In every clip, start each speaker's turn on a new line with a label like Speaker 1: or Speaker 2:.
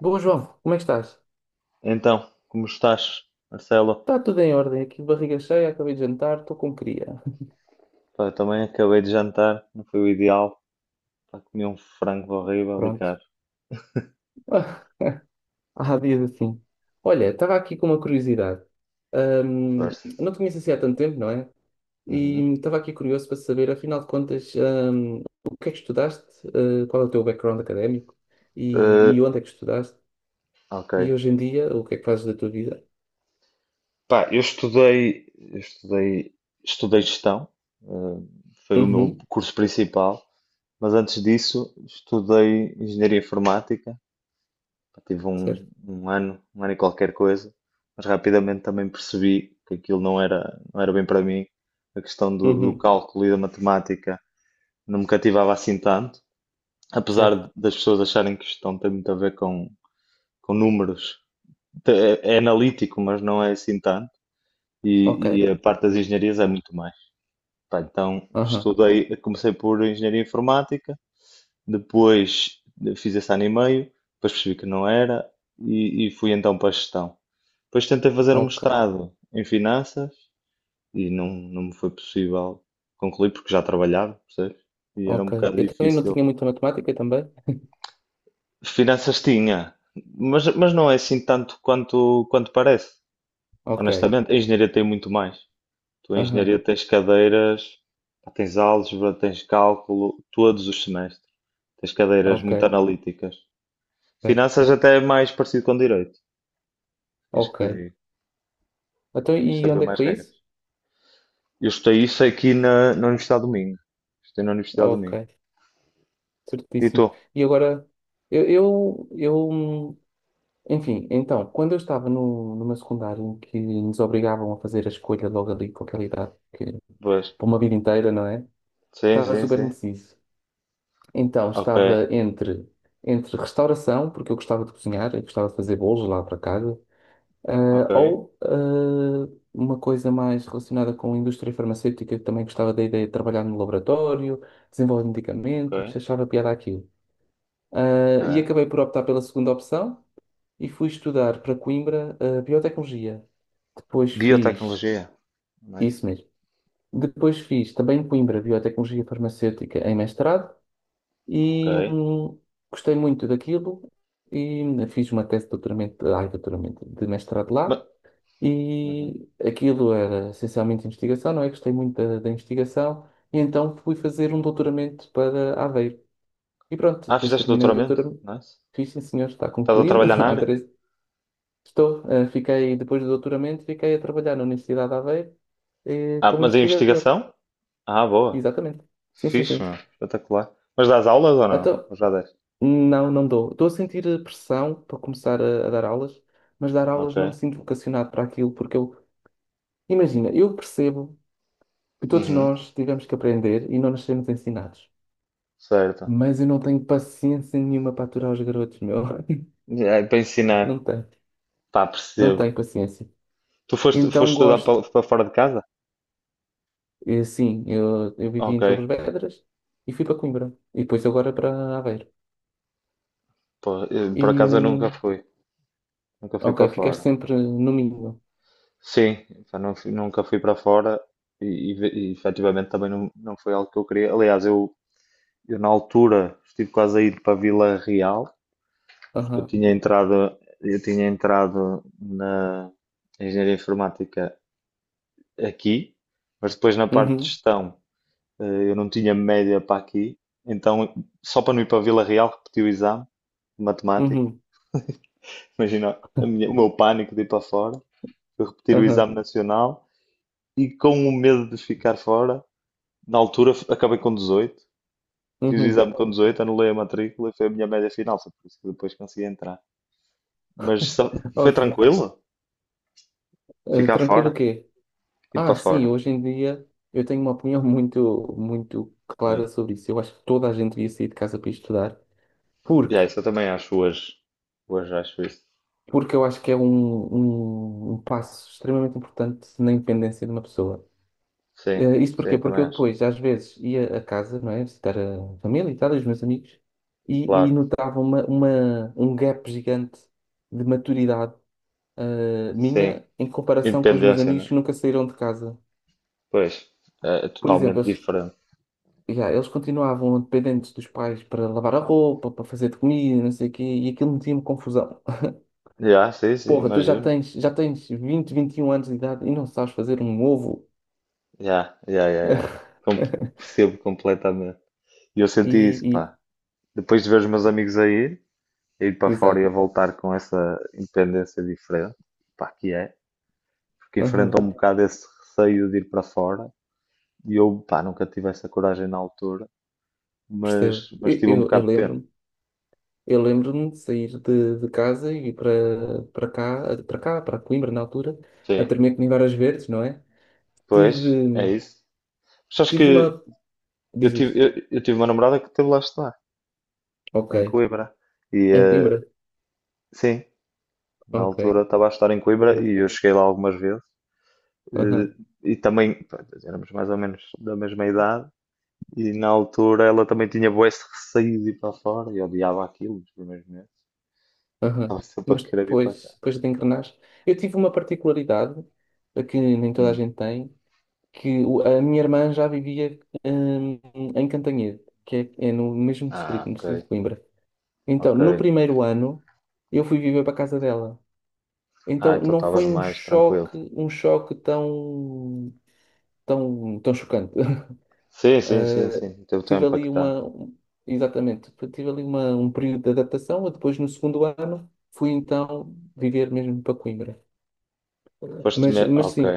Speaker 1: Bom, João, como é que estás?
Speaker 2: Então, como estás, Marcelo?
Speaker 1: Está tudo em ordem, aqui barriga cheia, acabei de jantar, estou como queria.
Speaker 2: Pá, eu também acabei de jantar, não foi o ideal. Pá, comi um frango horrível e
Speaker 1: Pronto.
Speaker 2: caro.
Speaker 1: Ah, há dias assim. Olha, estava aqui com uma curiosidade. Ahm,
Speaker 2: Força.
Speaker 1: não te conheço assim há tanto tempo, não é?
Speaker 2: Uhum.
Speaker 1: E estava aqui curioso para saber, afinal de contas, o que é que estudaste? Ah, qual é o teu background académico?
Speaker 2: Eh,
Speaker 1: E onde é que estudaste?
Speaker 2: ok.
Speaker 1: E hoje em dia, o que é que fazes da tua vida?
Speaker 2: Pá, eu estudei gestão, eh, foi o meu
Speaker 1: Uhum,
Speaker 2: curso principal, mas antes disso estudei engenharia informática. Pá, tive um,
Speaker 1: certo.
Speaker 2: um ano, um ano e qualquer coisa, mas rapidamente também percebi que aquilo não era bem para mim. A questão do
Speaker 1: Uhum,
Speaker 2: cálculo e da matemática não me cativava assim tanto,
Speaker 1: certo.
Speaker 2: apesar das pessoas acharem que gestão tem muito a ver com números. Então, é analítico, mas não é assim tanto.
Speaker 1: Ok.
Speaker 2: E a parte das engenharias é muito mais. Pá, então
Speaker 1: Aham,
Speaker 2: estudei, comecei por engenharia informática, depois fiz esse ano e meio, depois percebi que não era e fui então para a gestão. Depois tentei fazer um
Speaker 1: ok.
Speaker 2: mestrado em finanças e não me foi possível concluir porque já trabalhava, percebes? E era um
Speaker 1: Ok.
Speaker 2: bocado
Speaker 1: Eu também não tinha
Speaker 2: difícil.
Speaker 1: muita matemática também.
Speaker 2: Finanças tinha, mas não é assim tanto quanto parece,
Speaker 1: Ok.
Speaker 2: honestamente. A engenharia tem muito mais. Tu, em
Speaker 1: Aham,
Speaker 2: engenharia, tens cadeiras, tens álgebra, tens cálculo, todos os semestres. Tens cadeiras
Speaker 1: ok,
Speaker 2: muito analíticas.
Speaker 1: ver,
Speaker 2: Finanças até é mais parecido com direito, queres que
Speaker 1: ok.
Speaker 2: te diga?
Speaker 1: Então,
Speaker 2: Tens de
Speaker 1: e
Speaker 2: saber
Speaker 1: onde é que
Speaker 2: mais
Speaker 1: foi
Speaker 2: regras.
Speaker 1: isso?
Speaker 2: Eu estudei isso aqui na Universidade do Minho. Estudei na Universidade do Minho.
Speaker 1: Ok,
Speaker 2: E tu?
Speaker 1: certíssimo. E agora, eu, eu, eu, enfim, então, quando eu estava no, numa secundária em que nos obrigavam a fazer a escolha logo ali com aquela idade, que,
Speaker 2: Pois.
Speaker 1: por uma vida inteira, não é?
Speaker 2: Sim,
Speaker 1: Estava
Speaker 2: sim,
Speaker 1: super
Speaker 2: sim.
Speaker 1: indeciso. Então,
Speaker 2: Ok,
Speaker 1: estava entre, entre restauração, porque eu gostava de cozinhar, eu gostava de fazer bolos lá para casa. Ah,
Speaker 2: ok,
Speaker 1: ou ah, uma coisa mais relacionada com a indústria farmacêutica, que também gostava da ideia de trabalhar no laboratório, desenvolver
Speaker 2: ok,
Speaker 1: medicamentos, achava piada aquilo. Ah, e
Speaker 2: ok.
Speaker 1: acabei por optar pela segunda opção e fui estudar para Coimbra, ah, biotecnologia. Depois fiz,
Speaker 2: Biotecnologia.
Speaker 1: isso
Speaker 2: Nice.
Speaker 1: mesmo, depois fiz também em Coimbra biotecnologia farmacêutica em mestrado
Speaker 2: Ok.
Speaker 1: e gostei muito daquilo e fiz uma tese de doutoramento, ai, doutoramento, de mestrado lá.
Speaker 2: Ma- Uhum.
Speaker 1: E aquilo era essencialmente investigação, não é? Gostei muito da investigação, e então fui fazer um doutoramento para Aveiro. E pronto,
Speaker 2: Ah,
Speaker 1: depois
Speaker 2: fizeste
Speaker 1: terminei o
Speaker 2: doutoramento?
Speaker 1: doutoramento.
Speaker 2: Nice.
Speaker 1: Fiz, sim, senhor, está
Speaker 2: Estás a
Speaker 1: concluído.
Speaker 2: trabalhar na
Speaker 1: Há
Speaker 2: área?
Speaker 1: três... Estou, fiquei, depois do doutoramento, fiquei a trabalhar na Universidade de Aveiro,
Speaker 2: Ah,
Speaker 1: como
Speaker 2: mas a
Speaker 1: investigador.
Speaker 2: investigação? Ah, boa.
Speaker 1: Exatamente. Sim, sim,
Speaker 2: Fixe,
Speaker 1: sim.
Speaker 2: meu. Espetacular. Mas dás aulas ou não?
Speaker 1: Então,
Speaker 2: Ou já deste?
Speaker 1: não, não dou. Estou a sentir pressão para começar a dar aulas, mas dar
Speaker 2: Ok.
Speaker 1: aulas não me sinto vocacionado para aquilo, porque eu, imagina, eu percebo que todos
Speaker 2: Uhum.
Speaker 1: nós tivemos que aprender e não nos sermos ensinados.
Speaker 2: Certo.
Speaker 1: Mas eu não tenho paciência nenhuma para aturar os garotos, meu.
Speaker 2: É, para
Speaker 1: Não
Speaker 2: ensinar.
Speaker 1: tenho.
Speaker 2: Pá,
Speaker 1: Não
Speaker 2: percebo.
Speaker 1: tenho paciência.
Speaker 2: Tu foste
Speaker 1: Então
Speaker 2: estudar
Speaker 1: gosto.
Speaker 2: para fora de casa?
Speaker 1: E, sim, eu vivi
Speaker 2: Ok.
Speaker 1: em Torres Vedras e fui para Coimbra. E depois agora para Aveiro.
Speaker 2: Pô, eu,
Speaker 1: E,
Speaker 2: por acaso eu nunca fui. Nunca fui
Speaker 1: ok,
Speaker 2: para
Speaker 1: ficaste
Speaker 2: fora.
Speaker 1: sempre no mínimo.
Speaker 2: Sim, pá, nunca fui para fora e efetivamente também não foi algo que eu queria. Aliás, eu na altura estive quase a ir para Vila Real.
Speaker 1: Aham.
Speaker 2: Eu tinha entrado na engenharia informática aqui, mas depois na parte de
Speaker 1: Uhum.
Speaker 2: gestão, eu não tinha média para aqui, então só para não ir para Vila Real repeti o exame de matemática.
Speaker 1: Uhum.
Speaker 2: Imagina o meu pânico de ir para fora, eu repetir o
Speaker 1: Aham.
Speaker 2: exame nacional e com o medo de ficar fora, na altura acabei com 18, fiz o
Speaker 1: Uhum.
Speaker 2: exame com 18, anulei a matrícula e foi a minha média final, foi por isso que depois consegui entrar. Mas só- Foi
Speaker 1: Ok.
Speaker 2: tranquilo
Speaker 1: Eh,
Speaker 2: ficar
Speaker 1: tranquilo o
Speaker 2: fora?
Speaker 1: quê?
Speaker 2: Ir para
Speaker 1: Ah, sim,
Speaker 2: fora.
Speaker 1: hoje em dia eu tenho uma opinião muito, muito clara
Speaker 2: Ok.
Speaker 1: sobre isso. Eu acho que toda a gente devia sair de casa para estudar.
Speaker 2: Já,
Speaker 1: Porque,
Speaker 2: isso eu também acho hoje. Hoje acho isso.
Speaker 1: porque eu acho que é um passo extremamente importante na independência de uma pessoa.
Speaker 2: Sim,
Speaker 1: Eh, isto porquê?
Speaker 2: sim,
Speaker 1: Porque
Speaker 2: também
Speaker 1: eu
Speaker 2: acho.
Speaker 1: depois, às vezes, ia a casa, não é? Visitar a família e tal, e os meus amigos, e
Speaker 2: Claro.
Speaker 1: notava um gap gigante de maturidade,
Speaker 2: Sim.
Speaker 1: minha em comparação com os meus
Speaker 2: Independência,
Speaker 1: amigos
Speaker 2: né?
Speaker 1: que nunca saíram de casa.
Speaker 2: Pois. É, é
Speaker 1: Por exemplo,
Speaker 2: totalmente
Speaker 1: eles,
Speaker 2: diferente.
Speaker 1: yeah, eles continuavam dependentes dos pais para lavar a roupa, para fazer de comida, não sei o quê, e aquilo metia-me confusão.
Speaker 2: Já, sim, sim,
Speaker 1: Porra,
Speaker 2: imagino.
Speaker 1: já tens 21 anos de idade e não sabes fazer um ovo.
Speaker 2: Já, já, já, já. Com- Percebo completamente. E eu
Speaker 1: E,
Speaker 2: senti isso,
Speaker 1: e-
Speaker 2: pá. Depois de ver os meus amigos a ir para fora e a
Speaker 1: exato.
Speaker 2: voltar com essa independência diferente, pá, que é, porque
Speaker 1: Aham,
Speaker 2: enfrentam um bocado esse receio de ir para fora. E eu, pá, nunca tive essa coragem na altura,
Speaker 1: percebo.
Speaker 2: mas
Speaker 1: Eu,
Speaker 2: tive um
Speaker 1: eu, eu
Speaker 2: bocado de pena.
Speaker 1: lembro-me. Eu lembro-me de sair de casa e ir para para Coimbra na altura, a
Speaker 2: Sim,
Speaker 1: tremer comigo Varas Verdes, não é?
Speaker 2: pois, é
Speaker 1: Tive,
Speaker 2: isso. Mas acho
Speaker 1: tive
Speaker 2: que
Speaker 1: uma.
Speaker 2: eu
Speaker 1: Diz
Speaker 2: tive,
Speaker 1: isto.
Speaker 2: eu, eu tive uma namorada que teve lá a estudar,
Speaker 1: Ok.
Speaker 2: em Coimbra. E
Speaker 1: Em Coimbra?
Speaker 2: sim, na
Speaker 1: Ok.
Speaker 2: altura estava a estudar em Coimbra
Speaker 1: Eu-
Speaker 2: e eu cheguei lá algumas vezes.
Speaker 1: Aham,
Speaker 2: Eh, e também, pá, éramos mais ou menos da mesma idade. E na altura ela também tinha bué esse receio de ir para fora e odiava aquilo nos primeiros meses.
Speaker 1: aham.
Speaker 2: Estava sempre a
Speaker 1: Mas
Speaker 2: querer vir para cá.
Speaker 1: depois, depois de engrenar, eu tive uma particularidade que nem toda a
Speaker 2: Hum.
Speaker 1: gente tem, que o- a minha irmã já vivia hum, em Cantanhede, que é, é no mesmo distrito,
Speaker 2: Ah,
Speaker 1: no
Speaker 2: ok,
Speaker 1: distrito de Coimbra. Então,
Speaker 2: ok.
Speaker 1: no primeiro ano, eu fui viver para a casa dela.
Speaker 2: Ah,
Speaker 1: Então,
Speaker 2: então
Speaker 1: não
Speaker 2: estavas
Speaker 1: foi um
Speaker 2: mais tranquilo.
Speaker 1: choque, um choque tão chocante.
Speaker 2: Sim, sim, sim,
Speaker 1: Eh,
Speaker 2: sim. Teve
Speaker 1: tive
Speaker 2: tempo para que...
Speaker 1: ali uma, exatamente, tive ali uma, um período de adaptação. E depois, no segundo ano, fui então viver mesmo para Coimbra.
Speaker 2: Foste
Speaker 1: Mas,
Speaker 2: me...
Speaker 1: mas
Speaker 2: Ok,
Speaker 1: sim,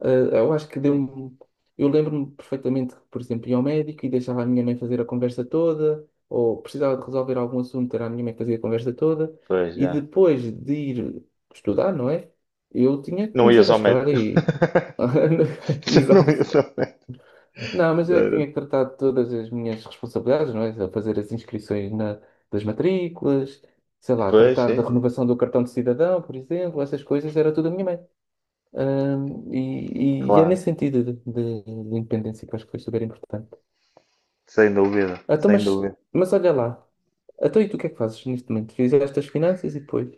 Speaker 1: ah, eu acho que deu-me. Eu lembro-me perfeitamente que, por exemplo, ia ao médico e deixava a minha mãe fazer a conversa toda, ou precisava de resolver algum assunto, era a minha mãe que fazia a conversa toda,
Speaker 2: pois
Speaker 1: e
Speaker 2: já.
Speaker 1: depois de ir estudar, não é? Eu tinha que
Speaker 2: Não
Speaker 1: me
Speaker 2: ias ao
Speaker 1: desenrascar
Speaker 2: médico.
Speaker 1: e.
Speaker 2: Já não
Speaker 1: Exato.
Speaker 2: ias ao médico.
Speaker 1: Não, mas
Speaker 2: Já
Speaker 1: eu é que
Speaker 2: era-
Speaker 1: tinha que tratar de todas as minhas responsabilidades, não é? A fazer as inscrições na- das matrículas, sei lá,
Speaker 2: Pois,
Speaker 1: tratar da
Speaker 2: sim, sim.
Speaker 1: renovação do cartão de cidadão, por exemplo, essas coisas, era tudo a minha mãe. E é
Speaker 2: Claro,
Speaker 1: nesse sentido de independência que eu acho que foi super importante.
Speaker 2: sem dúvida,
Speaker 1: Ah, então,
Speaker 2: sem
Speaker 1: mas,
Speaker 2: dúvida.
Speaker 1: mas olha lá. Então, e tu o que é que fazes neste momento? Fizeste as finanças e depois?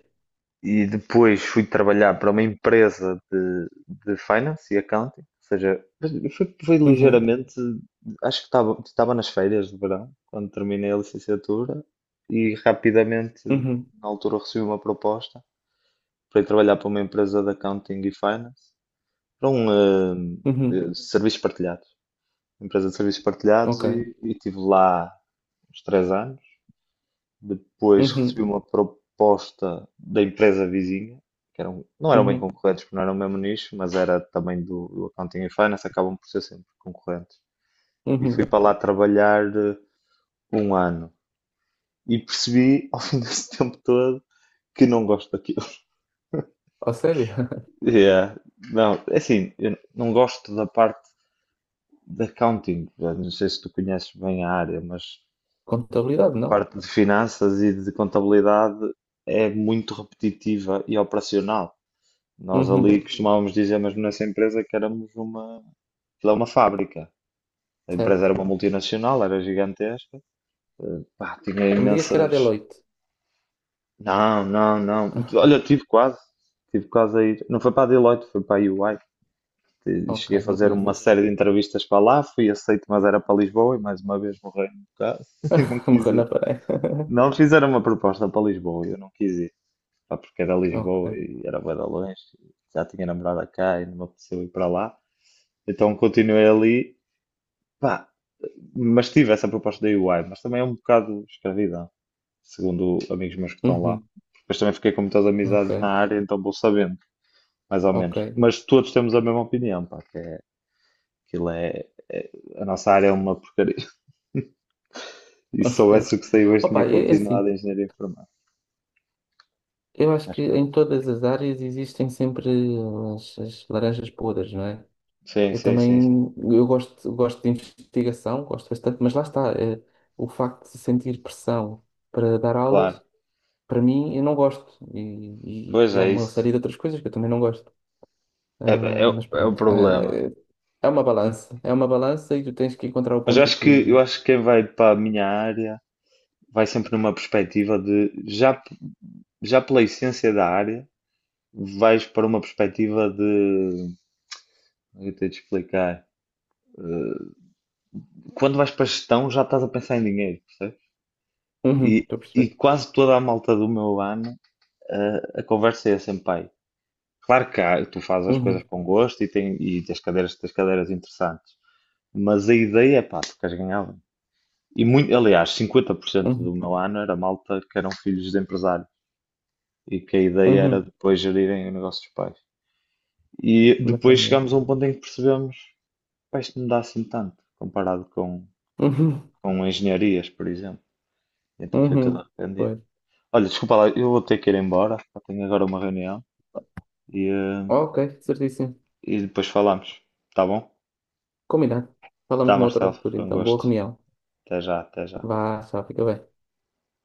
Speaker 2: E depois fui trabalhar para uma empresa de finance e accounting, ou seja, foi
Speaker 1: Uhum,
Speaker 2: ligeiramente, acho que estava nas férias de verão, quando terminei a licenciatura, e rapidamente,
Speaker 1: uhum,
Speaker 2: na altura, recebi uma proposta para ir trabalhar para uma empresa de accounting e finance, para um
Speaker 1: uhum.
Speaker 2: serviço partilhado. Empresa de serviços partilhados
Speaker 1: Ok.
Speaker 2: e tive lá uns 3 anos. Depois recebi
Speaker 1: Uhum,
Speaker 2: uma proposta da empresa vizinha, que eram, não eram bem
Speaker 1: uhum,
Speaker 2: concorrentes, porque não eram o mesmo nicho, mas era também do Accounting e Finance, acabam por ser sempre concorrentes. E fui
Speaker 1: uhum.
Speaker 2: para lá trabalhar um ano e percebi ao fim desse tempo todo que não gosto daquilo.
Speaker 1: Oh, sério?
Speaker 2: Yeah. Não, é assim, eu não gosto da parte de accounting. Eu não sei se tu conheces bem a área, mas
Speaker 1: Contabilidade, não?
Speaker 2: parte de finanças e de contabilidade é muito repetitiva e operacional. Nós ali
Speaker 1: Uhum,
Speaker 2: costumávamos dizer, mesmo nessa empresa, que éramos uma, aquilo é uma fábrica. A empresa
Speaker 1: certo.
Speaker 2: era uma multinacional, era gigantesca, pá, tinha
Speaker 1: Não me digas que era a
Speaker 2: imensas.
Speaker 1: Deloitte.
Speaker 2: Não, não, não. Olha, tive quase a ir. Não foi para a Deloitte, foi para a EY. E
Speaker 1: Ok,
Speaker 2: cheguei a
Speaker 1: não
Speaker 2: fazer
Speaker 1: conheço
Speaker 2: uma
Speaker 1: esse.
Speaker 2: série de entrevistas para lá, fui aceito, mas era para Lisboa e mais uma vez morrei no caso e não quis
Speaker 1: Morreu na
Speaker 2: ir.
Speaker 1: parede.
Speaker 2: Não fizeram uma proposta para Lisboa, e eu não quis ir. Pá, porque era
Speaker 1: Ok.
Speaker 2: Lisboa e era bué de longe, já tinha namorada cá e não me apeteceu ir para lá. Então continuei ali, pá, mas tive essa proposta da UI, mas também é um bocado escravidão, segundo amigos meus que estão lá.
Speaker 1: Uhum,
Speaker 2: Depois também fiquei com muitas
Speaker 1: ok,
Speaker 2: amizades na área, então vou sabendo, mais ou
Speaker 1: ok.
Speaker 2: menos. Mas todos temos a mesma opinião, pá, que é, aquilo é, é- a nossa área é uma porcaria. E se soubesse o que saiu hoje,
Speaker 1: Opa,
Speaker 2: tinha
Speaker 1: é, é assim.
Speaker 2: continuado em engenharia informática.
Speaker 1: Eu acho que
Speaker 2: Mas pronto.
Speaker 1: em todas as áreas existem sempre as, as laranjas podres, não é?
Speaker 2: Sim,
Speaker 1: Eu
Speaker 2: sim, sim, sim.
Speaker 1: também eu gosto, gosto de investigação, gosto bastante, mas lá está, é, o facto de sentir pressão para dar aulas,
Speaker 2: Claro.
Speaker 1: para mim, eu não gosto.
Speaker 2: Pois
Speaker 1: E há
Speaker 2: é
Speaker 1: uma
Speaker 2: isso.
Speaker 1: série de outras coisas que eu também não gosto.
Speaker 2: É, é,
Speaker 1: Mas
Speaker 2: é um
Speaker 1: pronto, ah,
Speaker 2: problema.
Speaker 1: é é uma balança e tu tens que encontrar o
Speaker 2: Mas eu
Speaker 1: ponto de
Speaker 2: acho que eu
Speaker 1: equilíbrio.
Speaker 2: acho que quem vai para a minha área vai sempre numa perspectiva de já, já pela essência da área, vais para uma perspectiva de eu tenho de explicar. Quando vais para a gestão já estás a pensar em dinheiro, percebes?
Speaker 1: Uhum,
Speaker 2: E,
Speaker 1: estou a
Speaker 2: e
Speaker 1: perceber.
Speaker 2: quase toda a malta do meu ano, conversa é sempre, pai, claro que há, tu fazes as coisas
Speaker 1: Uhum,
Speaker 2: com gosto e tens cadeiras interessantes, mas a ideia é, pá, tu queres ganhar bem. E muito, aliás, 50%
Speaker 1: uhum,
Speaker 2: do meu ano era malta que eram filhos de empresários, e que a ideia era
Speaker 1: uhum,
Speaker 2: depois gerirem o negócio dos pais. E
Speaker 1: na
Speaker 2: depois
Speaker 1: família.
Speaker 2: chegámos a um ponto em que percebemos, pá, isto não dá assim tanto, comparado com,
Speaker 1: Uhum,
Speaker 2: com engenharias, por exemplo. Então foi tudo
Speaker 1: uhum,
Speaker 2: arrependido.
Speaker 1: pois.
Speaker 2: Olha, desculpa lá, eu vou ter que ir embora, só tenho agora uma reunião e, eh,
Speaker 1: Ok, certíssimo.
Speaker 2: e depois falamos, tá bom?
Speaker 1: Combinado. Falamos
Speaker 2: Tá,
Speaker 1: numa outra
Speaker 2: Marcelo,
Speaker 1: altura,
Speaker 2: foi um
Speaker 1: então. Boa
Speaker 2: gosto.
Speaker 1: reunião.
Speaker 2: Até já, até já.
Speaker 1: Vá, tchau, fica bem.